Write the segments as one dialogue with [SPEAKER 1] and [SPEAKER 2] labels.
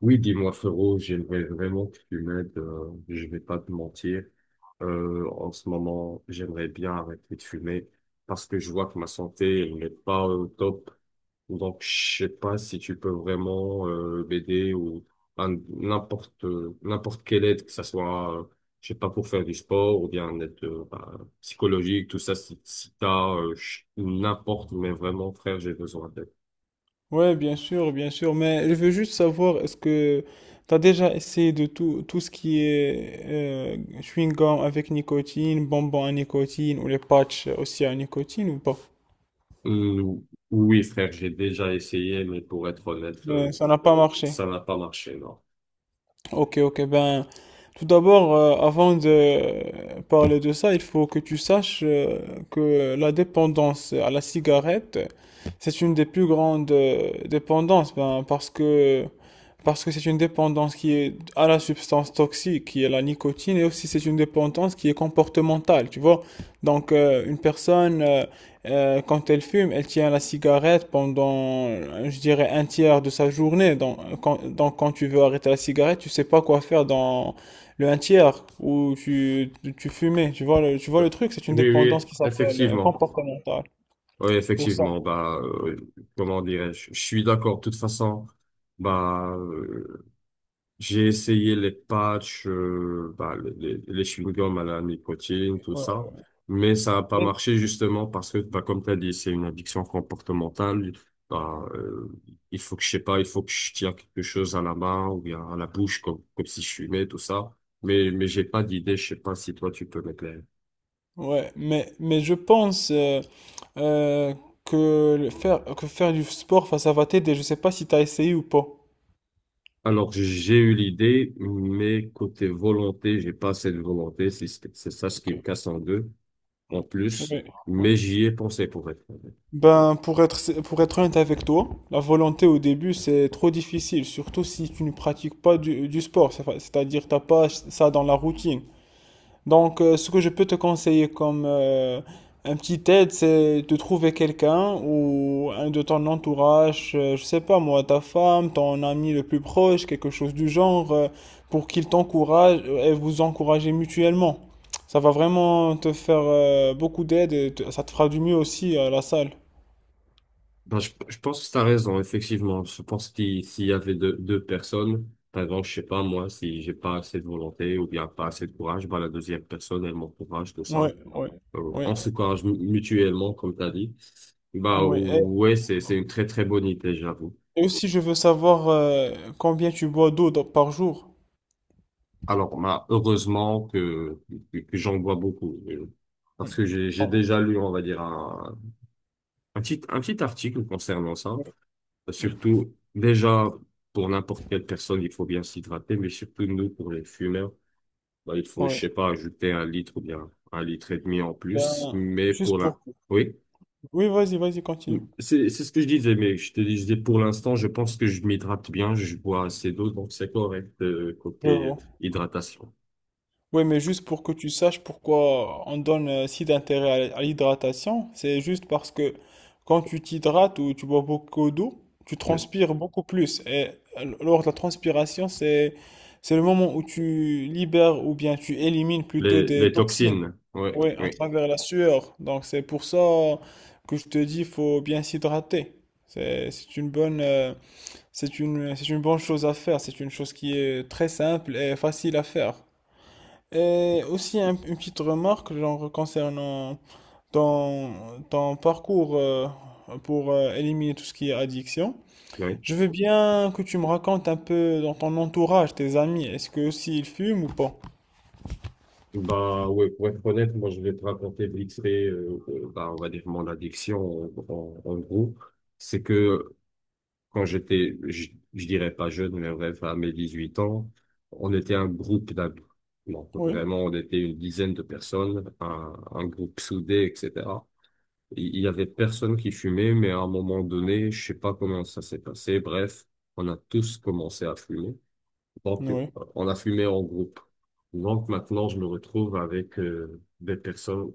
[SPEAKER 1] Oui, dis-moi frérot, j'aimerais vraiment que tu m'aides, je vais pas te mentir. En ce moment, j'aimerais bien arrêter de fumer parce que je vois que ma santé elle n'est pas au top. Donc, je sais pas si tu peux vraiment m'aider ou n'importe n'importe quelle aide, que ça soit, je sais pas, pour faire du sport ou bien une aide psychologique, tout ça, si t'as n'importe, mais vraiment frère, j'ai besoin d'aide.
[SPEAKER 2] Ouais, bien sûr, mais je veux juste savoir, est-ce que tu as déjà essayé de tout ce qui est chewing-gum avec nicotine, bonbons à nicotine ou les patchs aussi à nicotine ou pas?
[SPEAKER 1] Euh, oui, frère, j'ai déjà essayé, mais pour être honnête,
[SPEAKER 2] Mais ça n'a pas marché.
[SPEAKER 1] ça n'a pas marché, non.
[SPEAKER 2] Ok, ok, ben, tout d'abord, avant de parler de ça, il faut que tu saches que la dépendance à la cigarette, c'est une des plus grandes dépendances, ben, parce que c'est une dépendance qui est à la substance toxique, qui est la nicotine, et aussi c'est une dépendance qui est comportementale, tu vois. Donc une personne, quand elle fume, elle tient la cigarette pendant, je dirais, un tiers de sa journée. Donc quand tu veux arrêter la cigarette, tu sais pas quoi faire dans le un tiers où tu fumais. Tu vois le, tu vois
[SPEAKER 1] Bah,
[SPEAKER 2] le truc, c'est une
[SPEAKER 1] oui, oui,
[SPEAKER 2] dépendance qui s'appelle
[SPEAKER 1] effectivement.
[SPEAKER 2] comportementale.
[SPEAKER 1] Oui,
[SPEAKER 2] Pour ça.
[SPEAKER 1] effectivement. Comment dirais-je? Je suis d'accord. De toute façon, bah, euh, j'ai essayé les patchs, les chewing-gums à la nicotine, tout ça,
[SPEAKER 2] Ouais.
[SPEAKER 1] mais ça n'a pas marché justement parce que, bah, comme tu as dit, c'est une addiction comportementale. Bah, euh, il faut que je sais pas, il faut que je tiens quelque chose à la main ou bien à la bouche comme si je fumais, tout ça. Mais j'ai pas d'idée, je sais pas si toi tu peux m'éclairer.
[SPEAKER 2] Ouais, mais je pense euh, que faire du sport, enfin, ça va t'aider. Je sais pas si t'as essayé ou pas.
[SPEAKER 1] Alors, j'ai eu l'idée, mais côté volonté, j'ai pas assez de volonté, c'est ça ce qui
[SPEAKER 2] Ok.
[SPEAKER 1] me casse en deux, en plus,
[SPEAKER 2] Ouais. Ouais.
[SPEAKER 1] mais j'y ai pensé pour être honnête.
[SPEAKER 2] Ben, pour être honnête avec toi, la volonté au début, c'est trop difficile, surtout si tu ne pratiques pas du sport, c'est-à-dire t'as pas ça dans la routine. Donc, ce que je peux te conseiller comme un petit aide, c'est de trouver quelqu'un ou un de ton entourage, je sais pas moi, ta femme, ton ami le plus proche, quelque chose du genre, pour qu'il t'encourage et vous encouragez mutuellement. Ça va vraiment te faire beaucoup d'aide et ça te fera du mieux aussi à la salle.
[SPEAKER 1] Ben, je pense que tu as raison, effectivement. Je pense qu'il s'il y avait deux personnes, par exemple, je sais pas, moi, si j'ai pas assez de volonté ou bien pas assez de courage, ben, la deuxième personne, elle m'encourage, tout ça.
[SPEAKER 2] Ouais, ouais, ouais,
[SPEAKER 1] On s'encourage mutuellement, comme tu as dit. Bah,
[SPEAKER 2] ouais.
[SPEAKER 1] ouais, c'est une très, très bonne idée, j'avoue.
[SPEAKER 2] Et aussi, je veux savoir combien tu bois d'eau par jour.
[SPEAKER 1] Alors, bah, heureusement que j'en vois beaucoup. Parce
[SPEAKER 2] Oui.
[SPEAKER 1] que j'ai
[SPEAKER 2] Oh,
[SPEAKER 1] déjà lu, on va dire, un petit article concernant ça.
[SPEAKER 2] oui, oui.
[SPEAKER 1] Surtout, déjà, pour n'importe quelle personne, il faut bien s'hydrater, mais surtout nous, pour les fumeurs, bah, il faut, je
[SPEAKER 2] Ouais.
[SPEAKER 1] sais pas, ajouter un litre ou bien un litre et demi en plus.
[SPEAKER 2] Ben,
[SPEAKER 1] Mais pour
[SPEAKER 2] juste
[SPEAKER 1] la...
[SPEAKER 2] pour.
[SPEAKER 1] Oui,
[SPEAKER 2] Oui, vas-y, vas-y, continue.
[SPEAKER 1] c'est ce que je disais, mais je te disais, pour l'instant, je pense que je m'hydrate bien, je bois assez d'eau, donc c'est correct,
[SPEAKER 2] Je
[SPEAKER 1] côté
[SPEAKER 2] vois.
[SPEAKER 1] hydratation.
[SPEAKER 2] Oui, mais juste pour que tu saches pourquoi on donne si d'intérêt à l'hydratation, c'est juste parce que quand tu t'hydrates ou tu bois beaucoup d'eau, tu transpires beaucoup plus. Et lors de la transpiration, c'est le moment où tu libères ou bien tu élimines plutôt des
[SPEAKER 1] Les
[SPEAKER 2] toxines.
[SPEAKER 1] toxines, ouais,
[SPEAKER 2] Oui, à
[SPEAKER 1] oui,
[SPEAKER 2] travers la sueur. Donc c'est pour ça que je te dis, faut bien s'hydrater. C'est c'est une bonne euh, c'est une bonne chose à faire, c'est une chose qui est très simple et facile à faire. Et aussi une petite remarque genre, concernant ton parcours pour éliminer tout ce qui est addiction.
[SPEAKER 1] oui.
[SPEAKER 2] Je veux bien que tu me racontes un peu dans ton entourage, tes amis, est-ce que aussi ils fument ou pas?
[SPEAKER 1] Bah ouais, pour être honnête, moi je vais te raconter vite fait, bah, on va dire mon addiction en gros c'est que quand je dirais pas jeune, mais bref, à mes 18 ans, on était un groupe d'amis. Donc,
[SPEAKER 2] Oui,
[SPEAKER 1] vraiment, on était une dizaine de personnes, un groupe soudé, etc. Il y avait personne qui fumait, mais à un moment donné, je sais pas comment ça s'est passé. Bref, on a tous commencé à fumer. Donc,
[SPEAKER 2] oui,
[SPEAKER 1] on a fumé en groupe. Donc, maintenant, je me retrouve avec des personnes,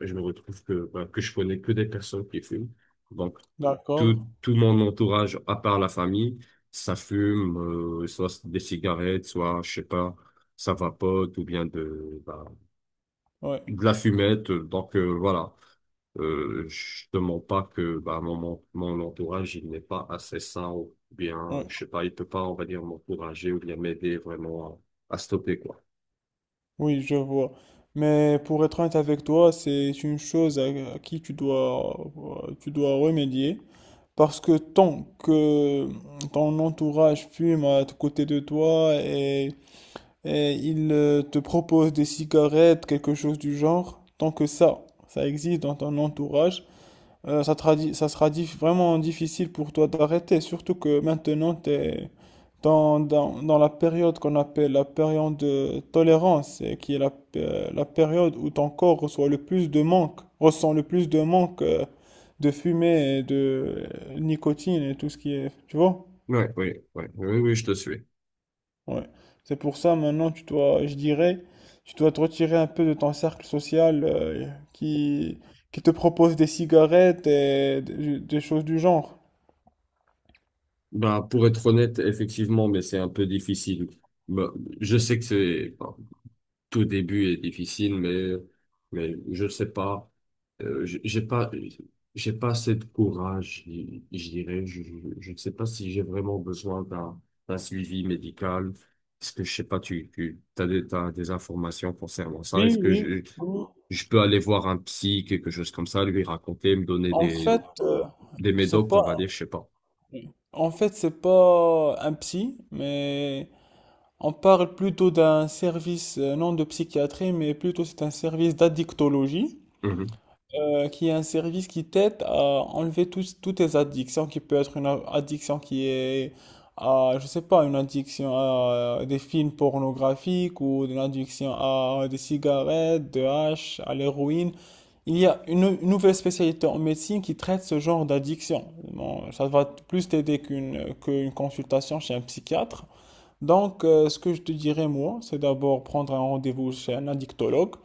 [SPEAKER 1] je me retrouve que, ben, que je connais que des personnes qui fument. Donc,
[SPEAKER 2] d'accord,
[SPEAKER 1] tout mon entourage, à part la famille, ça fume, soit des cigarettes, soit, je sais pas, ça vapote, ou bien de, bah,
[SPEAKER 2] oui,
[SPEAKER 1] de la fumette. Donc voilà, je te mens pas que bah, mon entourage, il n'est pas assez sain ou bien,
[SPEAKER 2] oui,
[SPEAKER 1] je sais pas, il peut pas, on va dire, m'encourager ou bien m'aider vraiment à stopper, quoi.
[SPEAKER 2] oui, je vois. Mais pour être honnête avec toi, c'est une chose à, qui tu dois remédier. Parce que tant que ton entourage fume à côté de toi et il te propose des cigarettes, quelque chose du genre, tant que ça existe dans ton entourage, ça sera vraiment difficile pour toi d'arrêter, surtout que maintenant tu es dans la période qu'on appelle la période de tolérance, et qui est la période où ton corps reçoit le plus de manque, ressent le plus de manque de fumée et de nicotine et tout ce qui est, tu vois?
[SPEAKER 1] Ouais, oui, oui, oui, oui, je te suis.
[SPEAKER 2] Ouais. C'est pour ça maintenant tu dois, je dirais, tu dois te retirer un peu de ton cercle social qui, qui te propose des cigarettes et des choses du genre.
[SPEAKER 1] Bah, pour être honnête, effectivement, mais c'est un peu difficile. Bah, je sais que c'est, enfin, tout début est difficile, mais je sais pas. J'ai pas, j'ai pas assez de courage, je dirais. Je ne sais pas si j'ai vraiment besoin d'un suivi médical. Est-ce que, je sais pas, t'as des informations concernant ça?
[SPEAKER 2] Oui,
[SPEAKER 1] Est-ce que
[SPEAKER 2] oui, oui.
[SPEAKER 1] je peux aller voir un psy, quelque chose comme ça, lui raconter, me donner
[SPEAKER 2] En fait,
[SPEAKER 1] des
[SPEAKER 2] c'est
[SPEAKER 1] médocs, on va
[SPEAKER 2] pas,
[SPEAKER 1] dire, je sais pas.
[SPEAKER 2] en fait, c'est pas un psy, mais on parle plutôt d'un service, non de psychiatrie, mais plutôt c'est un service d'addictologie,
[SPEAKER 1] Mhm,
[SPEAKER 2] qui est un service qui t'aide à enlever toutes tes addictions, qui peut être une addiction qui est à, je sais pas, une addiction à des films pornographiques ou une addiction à des cigarettes, de hash, à l'héroïne. Il y a une nouvelle spécialité en médecine qui traite ce genre d'addiction. Bon, ça va plus t'aider qu'une consultation chez un psychiatre. Donc, ce que je te dirais, moi, c'est d'abord prendre un rendez-vous chez un addictologue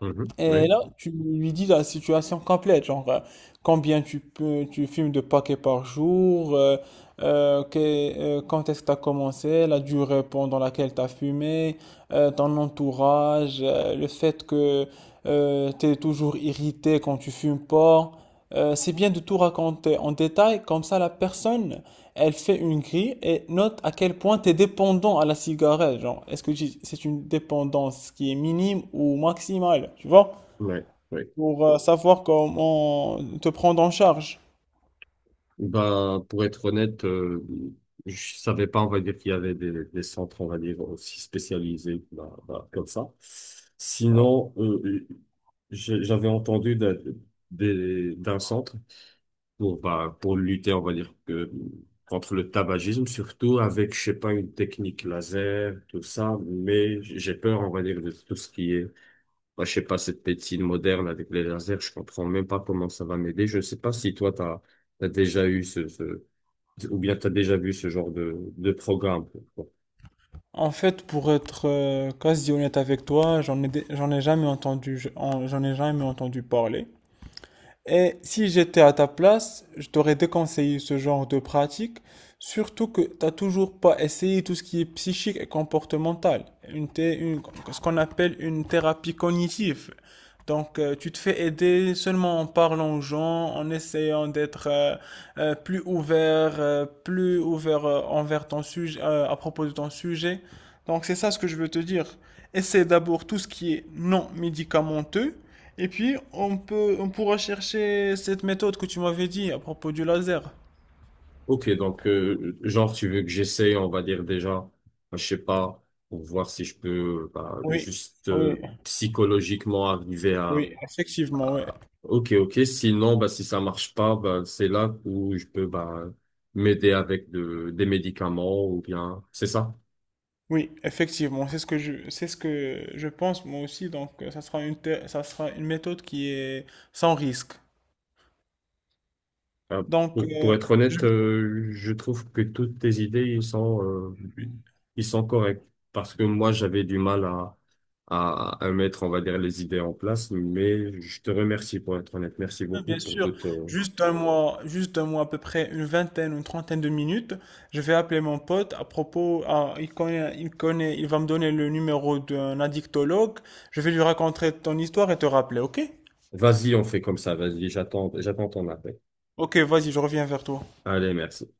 [SPEAKER 1] mhm,
[SPEAKER 2] et
[SPEAKER 1] oui,
[SPEAKER 2] là, tu lui dis la situation complète, genre combien tu fumes de paquets par jour, quand est-ce que tu as commencé, la durée pendant laquelle tu as fumé, ton entourage, le fait que tu es toujours irrité quand tu fumes pas. C'est bien de tout raconter en détail, comme ça la personne, elle fait une grille et note à quel point tu es dépendant à la cigarette. Genre, est-ce que c'est une dépendance qui est minime ou maximale, tu vois?
[SPEAKER 1] oui, oui.
[SPEAKER 2] Pour savoir comment te prendre en charge.
[SPEAKER 1] Bah, pour être honnête, je savais pas, on va dire, qu'il y avait des centres, on va dire, aussi spécialisés, bah, bah, comme ça.
[SPEAKER 2] Ouais.
[SPEAKER 1] Sinon, j'avais entendu d'un d'un centre pour, bah, pour lutter, on va dire, que, contre le tabagisme, surtout avec, je sais pas, une technique laser, tout ça, mais j'ai peur, on va dire, de tout ce qui est, bah, je sais pas, cette médecine moderne avec les lasers, je comprends même pas comment ça va m'aider. Je sais pas si toi, t'as déjà eu ce ou bien tu as déjà vu ce genre de programme. Quoi.
[SPEAKER 2] En fait, pour être quasi honnête avec toi, j'en ai jamais entendu parler. Et si j'étais à ta place, je t'aurais déconseillé ce genre de pratique, surtout que t'as toujours pas essayé tout ce qui est psychique et comportemental, ce qu'on appelle une thérapie cognitive. Donc, tu te fais aider seulement en parlant aux gens, en essayant d'être plus ouvert envers ton sujet, à propos de ton sujet. Donc, c'est ça ce que je veux te dire. Essaie d'abord tout ce qui est non médicamenteux et puis, on pourra chercher cette méthode que tu m'avais dit à propos du laser.
[SPEAKER 1] Ok, donc genre tu veux que j'essaie, on va dire déjà, je sais pas, pour voir si je peux bah,
[SPEAKER 2] Oui,
[SPEAKER 1] juste
[SPEAKER 2] oui,
[SPEAKER 1] psychologiquement arriver
[SPEAKER 2] oui, effectivement, ouais.
[SPEAKER 1] à- Ok, ok, sinon bah, si ça marche pas, bah, c'est là où je peux bah, m'aider avec de, des médicaments ou bien... C'est ça?
[SPEAKER 2] Oui, effectivement, c'est ce que je pense moi aussi. Donc, ça sera une méthode qui est sans risque.
[SPEAKER 1] Ah,
[SPEAKER 2] Donc,
[SPEAKER 1] pour être
[SPEAKER 2] je
[SPEAKER 1] honnête,
[SPEAKER 2] vais.
[SPEAKER 1] je trouve que toutes tes idées, ils sont corrects. Parce que moi, j'avais du mal à mettre, on va dire, les idées en place. Mais je te remercie pour être honnête. Merci
[SPEAKER 2] Ah,
[SPEAKER 1] beaucoup
[SPEAKER 2] bien
[SPEAKER 1] pour
[SPEAKER 2] sûr,
[SPEAKER 1] tout.
[SPEAKER 2] juste un mois à peu près, une vingtaine, une trentaine de minutes, je vais appeler mon pote à propos, ah, il connaît, il connaît, il va me donner le numéro d'un addictologue, je vais lui raconter ton histoire et te rappeler, ok?
[SPEAKER 1] Vas-y, on fait comme ça. Vas-y, j'attends ton appel.
[SPEAKER 2] Ok, vas-y, je reviens vers toi.
[SPEAKER 1] Allez, merci.